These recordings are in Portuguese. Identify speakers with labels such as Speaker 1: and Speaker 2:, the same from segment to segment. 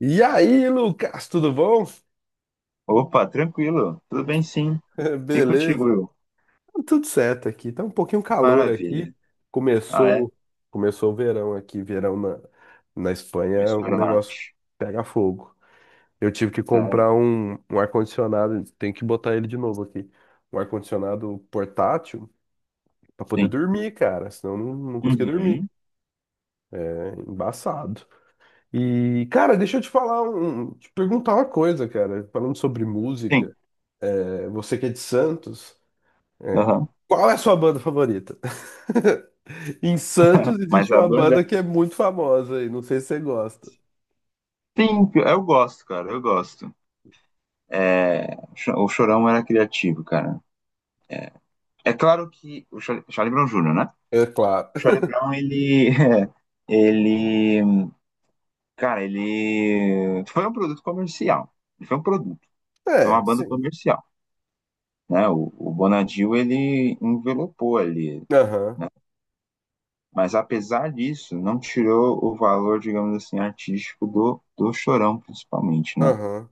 Speaker 1: E aí, Lucas, tudo bom?
Speaker 2: Opa, tranquilo. Tudo bem, sim. E contigo,
Speaker 1: Beleza.
Speaker 2: Will?
Speaker 1: Tá tudo certo aqui. Tá um pouquinho calor aqui.
Speaker 2: Maravilha. Ah, é?
Speaker 1: Começou, começou o verão aqui. Verão na
Speaker 2: Eu
Speaker 1: Espanha, o
Speaker 2: espero na
Speaker 1: negócio
Speaker 2: arte.
Speaker 1: pega fogo. Eu tive que
Speaker 2: Sério?
Speaker 1: comprar um ar-condicionado. Tem que botar ele de novo aqui. Um ar-condicionado portátil pra poder
Speaker 2: Sim.
Speaker 1: dormir, cara. Senão eu não conseguia dormir.
Speaker 2: Uhum.
Speaker 1: É embaçado. E, cara, deixa eu te perguntar uma coisa, cara. Falando sobre
Speaker 2: Sim.
Speaker 1: música, é, você que é de Santos. É.
Speaker 2: Aham.
Speaker 1: Qual é a sua banda favorita? Em Santos
Speaker 2: Mas
Speaker 1: existe
Speaker 2: a
Speaker 1: uma
Speaker 2: banda.
Speaker 1: banda que é muito famosa aí, não sei se você gosta.
Speaker 2: Sim, eu gosto, cara. Eu gosto. É, o Chorão era criativo, cara. É, é claro que. O Charlie Brown Jr., né?
Speaker 1: É claro.
Speaker 2: O Charlie Brown, ele. Ele. Cara, ele. Foi um produto comercial. Ele foi um produto. Foi uma
Speaker 1: É,
Speaker 2: banda
Speaker 1: sim.
Speaker 2: comercial. Né? o Bonadil, ele envelopou ali.
Speaker 1: Aham,
Speaker 2: Né? Mas apesar disso, não tirou o valor, digamos assim, artístico do Chorão, principalmente, né?
Speaker 1: aham.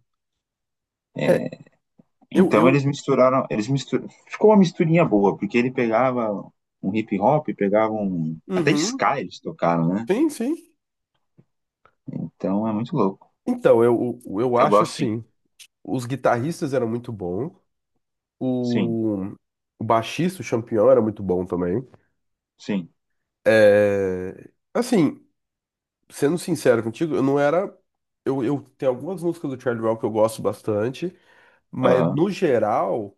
Speaker 1: É,
Speaker 2: É,
Speaker 1: eu,
Speaker 2: então
Speaker 1: eu.
Speaker 2: eles misturaram, ficou uma misturinha boa, porque ele pegava um hip hop, pegava um até
Speaker 1: Uhum.
Speaker 2: ska eles tocaram, né?
Speaker 1: Sim, sim.
Speaker 2: Então é muito louco.
Speaker 1: Então, eu
Speaker 2: Eu
Speaker 1: acho
Speaker 2: gosto sim.
Speaker 1: assim, os guitarristas eram muito bons,
Speaker 2: Sim.
Speaker 1: o, o baixista, o Champignon, era muito bom também.
Speaker 2: Sim.
Speaker 1: É, assim, sendo sincero contigo, eu não era. Eu tenho algumas músicas do Charlie Brown que eu gosto bastante. Mas
Speaker 2: Aham.
Speaker 1: no geral,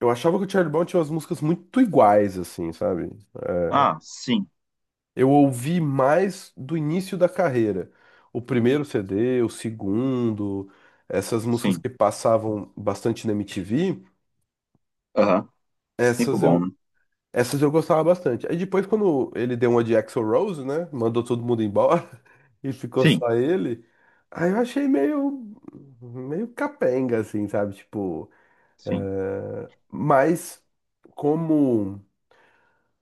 Speaker 1: eu achava que o Charlie Brown tinha umas músicas muito iguais, assim, sabe?
Speaker 2: Ah, sim.
Speaker 1: Eu ouvi mais do início da carreira. O primeiro CD, o segundo, essas músicas
Speaker 2: Sim.
Speaker 1: que passavam bastante na MTV,
Speaker 2: Aham. Tempo
Speaker 1: essas
Speaker 2: bom,
Speaker 1: eu,
Speaker 2: né?
Speaker 1: essas eu gostava bastante. Aí depois, quando ele deu uma de Axl Rose, né? Mandou todo mundo embora e ficou
Speaker 2: Sim.
Speaker 1: só ele. Aí eu achei meio capenga, assim, sabe? Tipo,
Speaker 2: Sim.
Speaker 1: mas como.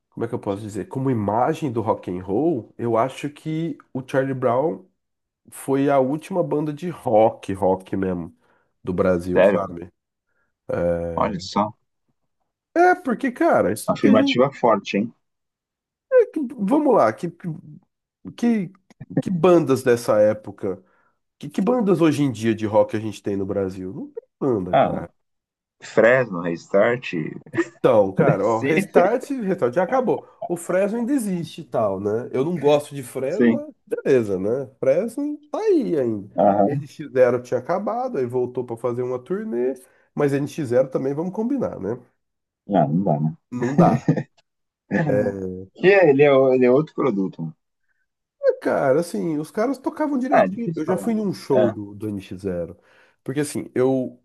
Speaker 1: como é que eu posso dizer? Como imagem do rock and roll, eu acho que o Charlie Brown foi a última banda de rock, rock mesmo, do Brasil,
Speaker 2: Sério.
Speaker 1: sabe?
Speaker 2: Olha só.
Speaker 1: É, porque, cara, isso que a gente.
Speaker 2: Afirmativa forte, hein?
Speaker 1: Vamos lá, que, que bandas dessa época? Que bandas hoje em dia de rock a gente tem no Brasil? Não tem banda,
Speaker 2: Ah,
Speaker 1: cara.
Speaker 2: Fresno, Restart.
Speaker 1: Então, cara, ó,
Speaker 2: Sim.
Speaker 1: Restart, Restart já acabou. O Fresno ainda existe e tal, né? Eu não gosto de Fresno,
Speaker 2: Sim.
Speaker 1: mas beleza, né? Fresno tá aí ainda.
Speaker 2: Aham.
Speaker 1: N X Zero tinha acabado, aí voltou pra fazer uma turnê, mas N X Zero também, vamos combinar, né?
Speaker 2: Ah, não dá, né?
Speaker 1: Não dá. É,
Speaker 2: Que ele é outro produto, mano.
Speaker 1: cara, assim, os caras tocavam
Speaker 2: Ah, é
Speaker 1: direitinho.
Speaker 2: difícil
Speaker 1: Eu já fui
Speaker 2: falar.
Speaker 1: num show
Speaker 2: É.
Speaker 1: do N X Zero. Porque, assim, eu,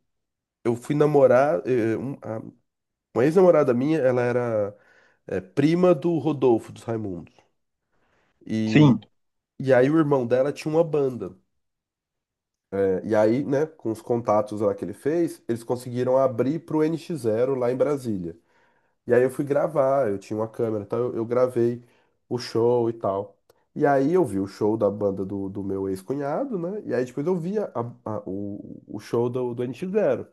Speaker 1: eu fui namorar, uma ex-namorada minha, ela era, prima do Rodolfo, dos Raimundos.
Speaker 2: Sim.
Speaker 1: E aí o irmão dela tinha uma banda. É, e aí, né, com os contatos lá que ele fez, eles conseguiram abrir pro NX Zero lá em Brasília. E aí eu fui gravar, eu tinha uma câmera, então eu gravei o show e tal. E aí eu vi o show da banda do meu ex-cunhado, né? E aí depois eu vi o show do NX Zero.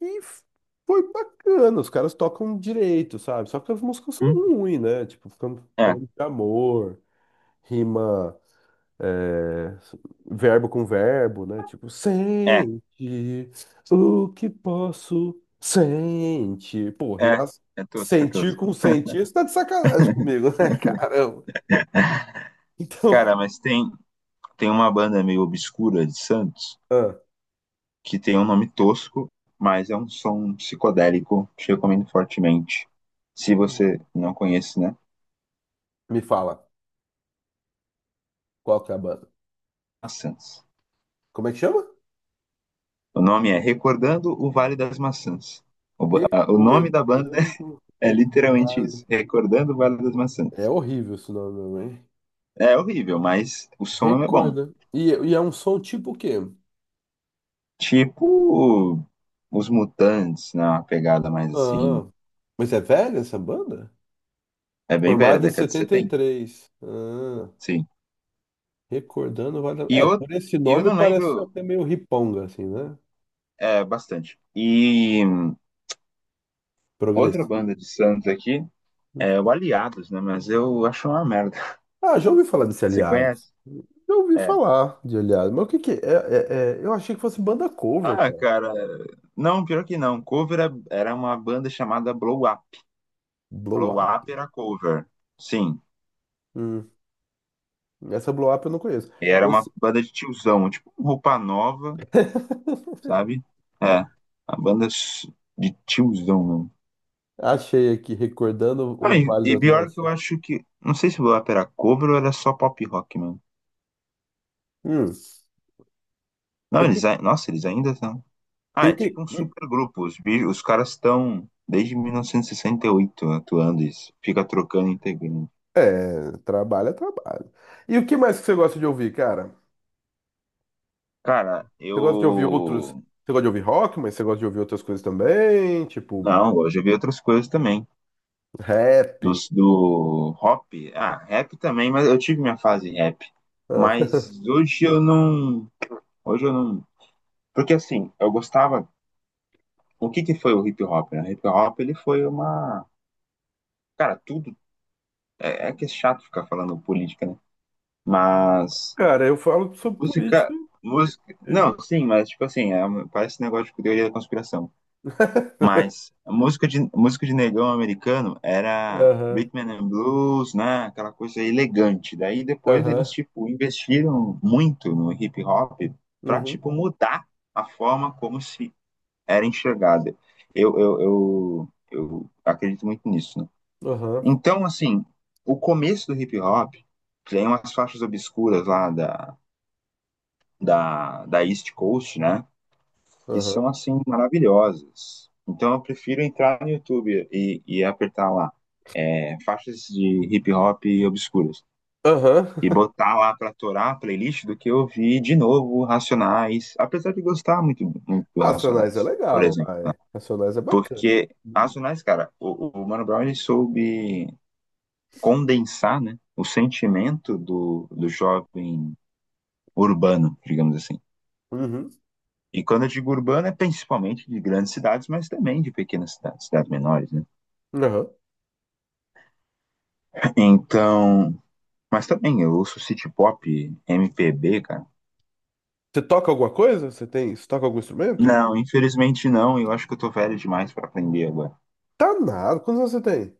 Speaker 1: E foi bacana, os caras tocam direito, sabe? Só que as músicas são
Speaker 2: Hum?
Speaker 1: ruins, né? Tipo, ficando
Speaker 2: É,
Speaker 1: falando de amor, rima, é, verbo com verbo, né? Tipo,
Speaker 2: é,
Speaker 1: sente o que posso sente. Pô,
Speaker 2: é.
Speaker 1: rimar
Speaker 2: É tosco, é
Speaker 1: sentir
Speaker 2: tosco.
Speaker 1: com sentir, isso tá de sacanagem comigo, né? Caramba. Então,
Speaker 2: Cara, mas tem uma banda meio obscura de Santos
Speaker 1: ah,
Speaker 2: que tem um nome tosco, mas é um som psicodélico que eu recomendo fortemente. Se você não conhece, né?
Speaker 1: me fala, qual que é a banda?
Speaker 2: Maçãs.
Speaker 1: Como é que chama?
Speaker 2: O nome é Recordando o Vale das Maçãs. O nome da banda
Speaker 1: Recordando
Speaker 2: é
Speaker 1: o
Speaker 2: literalmente isso.
Speaker 1: Vale.
Speaker 2: Recordando o Vale das Maçãs.
Speaker 1: É horrível esse nome, mesmo, hein?
Speaker 2: É horrível, mas o som é bom.
Speaker 1: Recordando. E é um som tipo o quê?
Speaker 2: Tipo os Mutantes, né? Uma pegada mais assim.
Speaker 1: Ah, mas é velha essa banda?
Speaker 2: É bem velha,
Speaker 1: Formada em
Speaker 2: década de 70.
Speaker 1: 73. Ah.
Speaker 2: Sim.
Speaker 1: Recordando vale.
Speaker 2: E
Speaker 1: É,
Speaker 2: eu
Speaker 1: por esse
Speaker 2: e eu
Speaker 1: nome
Speaker 2: não
Speaker 1: parece
Speaker 2: lembro
Speaker 1: até meio riponga, assim, né?
Speaker 2: bastante. Outra
Speaker 1: Progressivo.
Speaker 2: banda de Santos aqui é o Aliados, né? Mas eu acho uma merda.
Speaker 1: Ah, já ouvi falar desse
Speaker 2: Você
Speaker 1: Aliados.
Speaker 2: conhece?
Speaker 1: Já ouvi
Speaker 2: É.
Speaker 1: falar de Aliados. Mas o que que é? Eu achei que fosse banda cover,
Speaker 2: Ah,
Speaker 1: cara.
Speaker 2: cara. Não, pior que não. Cover era uma banda chamada Blow Up.
Speaker 1: Blow
Speaker 2: Blow
Speaker 1: Up.
Speaker 2: Up era cover. Sim.
Speaker 1: Hum, essa Blow Up eu não conheço.
Speaker 2: E era uma
Speaker 1: Esse-
Speaker 2: banda de tiozão, tipo um Roupa Nova. Sabe? É, a banda de tiozão, mano.
Speaker 1: Achei aqui, recordando
Speaker 2: Ah,
Speaker 1: o
Speaker 2: e,
Speaker 1: Vale
Speaker 2: e
Speaker 1: das
Speaker 2: pior que eu
Speaker 1: Massas.
Speaker 2: acho que. Não sei se o Blap era cover ou era só pop rock, mano.
Speaker 1: Hum. E
Speaker 2: Não,
Speaker 1: o que...
Speaker 2: eles. Nossa, eles ainda estão.
Speaker 1: e
Speaker 2: Ah,
Speaker 1: o
Speaker 2: é
Speaker 1: que-
Speaker 2: tipo um
Speaker 1: e-
Speaker 2: super grupo. Os caras estão desde mil novecentos e sessenta e oito atuando isso. Fica trocando integrante.
Speaker 1: É, trabalho é trabalho. E o que mais que você gosta de ouvir, cara?
Speaker 2: Cara,
Speaker 1: Você gosta de ouvir outros.
Speaker 2: eu.
Speaker 1: Você gosta de ouvir rock, mas você gosta de ouvir outras coisas também? Tipo.
Speaker 2: Não, eu já vi outras coisas também.
Speaker 1: Rap.
Speaker 2: Do rap. Ah, rap também, mas eu tive minha fase rap.
Speaker 1: Ah,
Speaker 2: Mas hoje eu não. Hoje eu não. Porque assim, eu gostava. O que que foi o hip hop, né? O hip hop ele foi uma. Cara, tudo. É, é que é chato ficar falando política, né? Mas.
Speaker 1: cara, eu falo sobre
Speaker 2: Música.
Speaker 1: política.
Speaker 2: Música.
Speaker 1: eu-
Speaker 2: Não, sim, mas tipo assim, parece um negócio de teoria da conspiração. Mas a música de negão americano era
Speaker 1: Aham,
Speaker 2: rhythm and blues, né? Aquela coisa elegante. Daí depois
Speaker 1: aham,
Speaker 2: eles, tipo, investiram muito no hip hop pra,
Speaker 1: uhum,
Speaker 2: tipo, mudar a forma como se era enxergada. Eu acredito muito nisso, né?
Speaker 1: aham,
Speaker 2: Então, assim, o começo do hip hop tem umas faixas obscuras lá da, da East Coast, né? Que são,
Speaker 1: aham,
Speaker 2: assim, maravilhosas. Então, eu prefiro entrar no YouTube e apertar lá é, faixas de hip hop obscuras
Speaker 1: aham.
Speaker 2: e botar lá para torar a playlist do que eu vi de novo Racionais, apesar de gostar muito, muito do
Speaker 1: Racionais é
Speaker 2: Racionais, por
Speaker 1: legal,
Speaker 2: exemplo, né?
Speaker 1: vai. Racionais é bacana.
Speaker 2: Porque as Racionais, cara, o, Mano Brown ele soube condensar, né, o sentimento do jovem urbano, digamos assim.
Speaker 1: Uhum,
Speaker 2: E quando eu digo urbano, é principalmente de grandes cidades, mas também de pequenas cidades, cidades menores, né?
Speaker 1: aham.
Speaker 2: Então, mas também eu ouço city pop, MPB, cara.
Speaker 1: Você toca alguma coisa? Você toca algum instrumento?
Speaker 2: Não, infelizmente não, eu acho que eu tô velho demais pra aprender agora.
Speaker 1: Tá nada. Quantos anos você tem?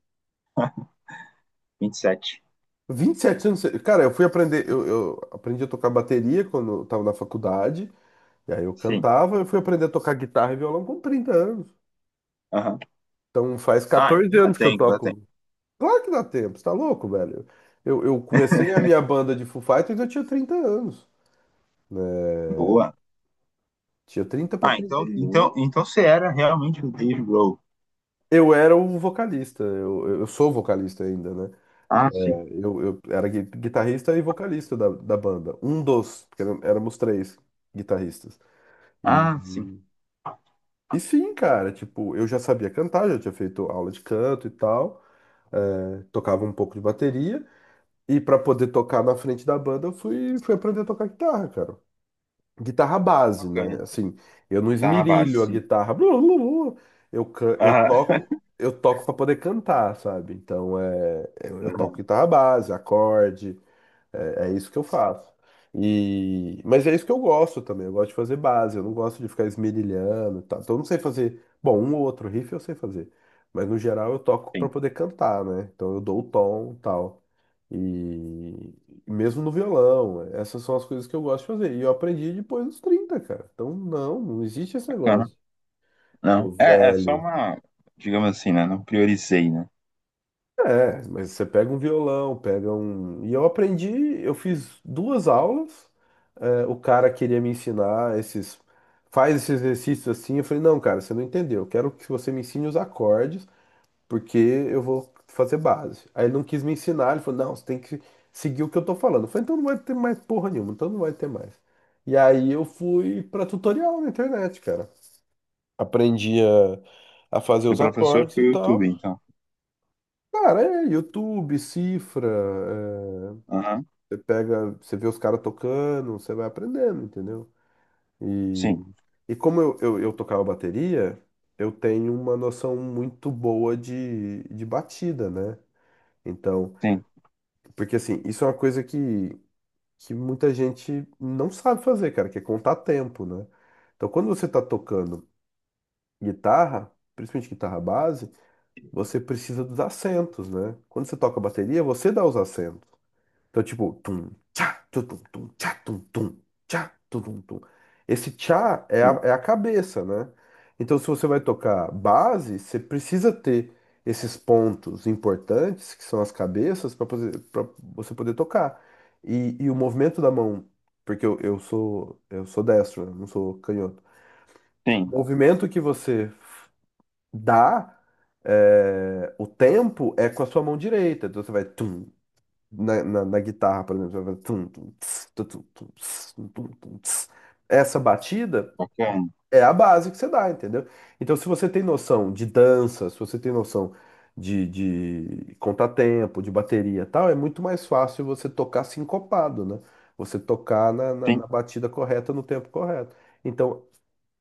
Speaker 2: 27.
Speaker 1: 27 anos. Cara, eu fui aprender, eu aprendi a tocar bateria quando eu tava na faculdade, e aí eu
Speaker 2: Sim.
Speaker 1: cantava, eu fui aprender a tocar guitarra e violão com 30 anos.
Speaker 2: Aham.
Speaker 1: Então faz
Speaker 2: Ah,
Speaker 1: 14
Speaker 2: então dá
Speaker 1: anos que eu
Speaker 2: tempo, dá tempo.
Speaker 1: toco. Claro que dá tempo, você tá louco, velho? Eu comecei a minha banda de Foo Fighters, eu tinha 30 anos, né?
Speaker 2: Boa.
Speaker 1: Tinha trinta para
Speaker 2: Ah,
Speaker 1: trinta
Speaker 2: então,
Speaker 1: e
Speaker 2: então,
Speaker 1: um
Speaker 2: então você era realmente o Dave Grohl.
Speaker 1: Eu era o vocalista, eu sou vocalista ainda, né?
Speaker 2: Ah, sim.
Speaker 1: Eu era guitarrista e vocalista da banda. Um dos, porque éramos três guitarristas.
Speaker 2: Ah, sim.
Speaker 1: E, e sim, cara, tipo, eu já sabia cantar, já tinha feito aula de canto e tal, é, tocava um pouco de bateria. E pra poder tocar na frente da banda, eu fui aprender a tocar guitarra, cara. Guitarra base, né?
Speaker 2: Bacana.
Speaker 1: Assim, eu não
Speaker 2: Tá a base,
Speaker 1: esmirilho a
Speaker 2: sim.
Speaker 1: guitarra. Blu, blu, blu. Eu, can- eu
Speaker 2: Ah,
Speaker 1: toco, eu toco para poder cantar, sabe? Então é, eu toco
Speaker 2: aham,
Speaker 1: guitarra base, acorde. É isso que eu faço. Mas é isso que eu gosto também. Eu gosto de fazer base. Eu não gosto de ficar esmerilhando e tal. Então eu não sei fazer. Bom, um ou outro riff eu sei fazer. Mas no geral eu toco para
Speaker 2: sim,
Speaker 1: poder cantar, né? Então eu dou o tom e tal. E mesmo no violão. Essas são as coisas que eu gosto de fazer. E eu aprendi depois dos 30, cara. Então não existe esse
Speaker 2: bacana.
Speaker 1: negócio. Tô
Speaker 2: Não. É, é só
Speaker 1: velho.
Speaker 2: uma, digamos assim, né? Não priorizei, né?
Speaker 1: É, mas você pega um violão, pega um. E eu aprendi, eu fiz duas aulas, é, o cara queria me ensinar esses. Faz esses exercícios assim. Eu falei, não, cara, você não entendeu. Eu quero que você me ensine os acordes, porque eu vou fazer base. Aí ele não quis me ensinar, ele falou, não, você tem que seguir o que eu tô falando. Eu falei, então não vai ter mais porra nenhuma, então não vai ter mais. E aí eu fui pra tutorial na internet, cara. Aprendi a fazer
Speaker 2: O
Speaker 1: os
Speaker 2: professor
Speaker 1: acordes
Speaker 2: foi
Speaker 1: e
Speaker 2: o YouTube,
Speaker 1: tal.
Speaker 2: então.
Speaker 1: Cara, é YouTube, cifra, é,
Speaker 2: Aham.
Speaker 1: você pega, você vê os caras tocando, você vai aprendendo, entendeu?
Speaker 2: Sim,
Speaker 1: E, e como eu tocava bateria, eu tenho uma noção muito boa de batida, né? Então,
Speaker 2: sim,
Speaker 1: porque assim, isso é uma coisa que muita gente não sabe fazer, cara, que é contar tempo, né? Então, quando você tá tocando guitarra, principalmente guitarra base, você precisa dos acentos, né? Quando você toca bateria, você dá os acentos. Então, tipo, tum, tchá, tum, tum, tum tchá, tum, tum, tchá, tum, tum, tum. Esse tchá é a,
Speaker 2: sim,
Speaker 1: é a cabeça, né? Então, se você vai tocar base, você precisa ter esses pontos importantes, que são as cabeças, para você poder tocar. E o movimento da mão, porque eu sou destro, né? Não sou canhoto. O
Speaker 2: sim.
Speaker 1: movimento que você dá, é, o tempo é com a sua mão direita. Então, você vai tum, na guitarra, por exemplo, vai tum, tum, tss, tu, tu, tum, tss, tum, tum, tum, tss. Essa batida
Speaker 2: Bacana.
Speaker 1: é a base que você dá, entendeu? Então, se você tem noção de dança, se você tem noção de contratempo, de bateria e tal, é muito mais fácil você tocar sincopado, né? Você tocar na, na,
Speaker 2: Sim,
Speaker 1: na batida correta, no tempo correto. Então,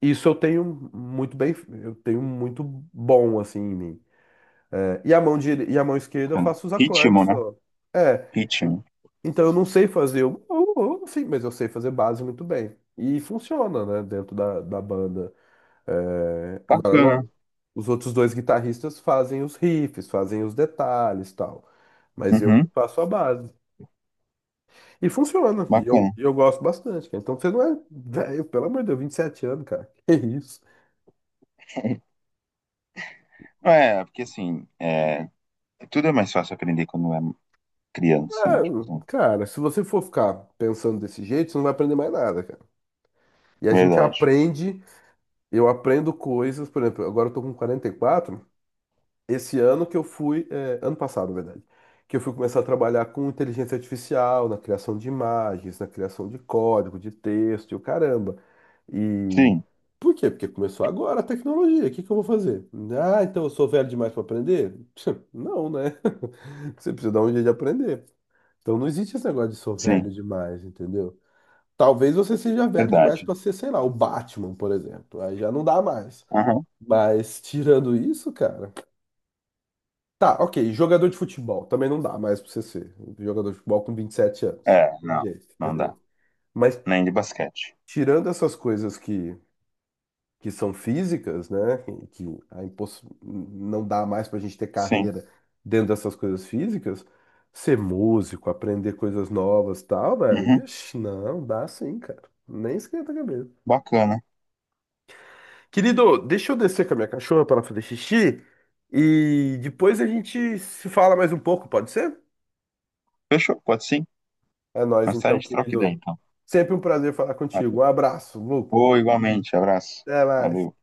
Speaker 1: isso eu tenho muito bem, eu tenho muito bom, assim, em mim. É, e a mão esquerda eu
Speaker 2: bacana.
Speaker 1: faço os acordes
Speaker 2: Ritmo, né?
Speaker 1: só. É,
Speaker 2: Ritmo.
Speaker 1: então eu não sei fazer, sim, mas eu sei fazer base muito bem. E funciona, né, dentro da banda. Agora,
Speaker 2: Bacana.
Speaker 1: lógico, os outros dois guitarristas fazem os riffs, fazem os detalhes e tal. Mas eu que
Speaker 2: Uhum.
Speaker 1: faço a base. E funciona. E eu,
Speaker 2: Bacana.
Speaker 1: e eu gosto bastante, cara. Então você não é velho, pelo amor de Deus, 27 anos, cara. Que isso?
Speaker 2: É, porque assim, é, tudo é mais fácil aprender quando é criança,
Speaker 1: Ah,
Speaker 2: né? Tipo assim,
Speaker 1: cara, se você for ficar pensando desse jeito, você não vai aprender mais nada, cara. E a gente
Speaker 2: verdade.
Speaker 1: aprende, eu aprendo coisas, por exemplo, agora eu tô com 44, esse ano que eu fui, é, ano passado, na verdade, que eu fui começar a trabalhar com inteligência artificial, na criação de imagens, na criação de código, de texto, e o caramba. E
Speaker 2: Sim,
Speaker 1: por quê? Porque começou agora a tecnologia. O que que eu vou fazer? Ah, então eu sou velho demais para aprender? Não, né? Você precisa dar um jeito de aprender. Então não existe esse negócio de sou
Speaker 2: sim,
Speaker 1: velho demais, entendeu? Talvez você seja velho demais
Speaker 2: verdade.
Speaker 1: para ser, sei lá, o Batman, por exemplo. Aí já não dá mais.
Speaker 2: Aham.
Speaker 1: Mas tirando isso, cara, tá, ok. Jogador de futebol. Também não dá mais pra você ser jogador de futebol com 27 anos.
Speaker 2: É,
Speaker 1: Não tem
Speaker 2: não,
Speaker 1: jeito,
Speaker 2: não dá.
Speaker 1: entendeu? Mas
Speaker 2: Nem de basquete.
Speaker 1: tirando essas coisas que são físicas, né? Não dá mais pra gente ter
Speaker 2: Sim.
Speaker 1: carreira dentro dessas coisas físicas. Ser músico, aprender coisas novas e tal, velho.
Speaker 2: Uhum.
Speaker 1: Vixe, não, dá sim, cara. Nem esquenta a cabeça.
Speaker 2: Bacana.
Speaker 1: Querido, deixa eu descer com a minha cachorra para fazer xixi e depois a gente se fala mais um pouco, pode ser?
Speaker 2: Fechou? Pode sim?
Speaker 1: É nóis,
Speaker 2: Mais tarde
Speaker 1: então,
Speaker 2: a gente troca ideia,
Speaker 1: querido.
Speaker 2: então.
Speaker 1: Sempre um prazer falar contigo.
Speaker 2: Valeu.
Speaker 1: Um abraço, Lu.
Speaker 2: Ô, igualmente. Abraço.
Speaker 1: Até mais.
Speaker 2: Valeu.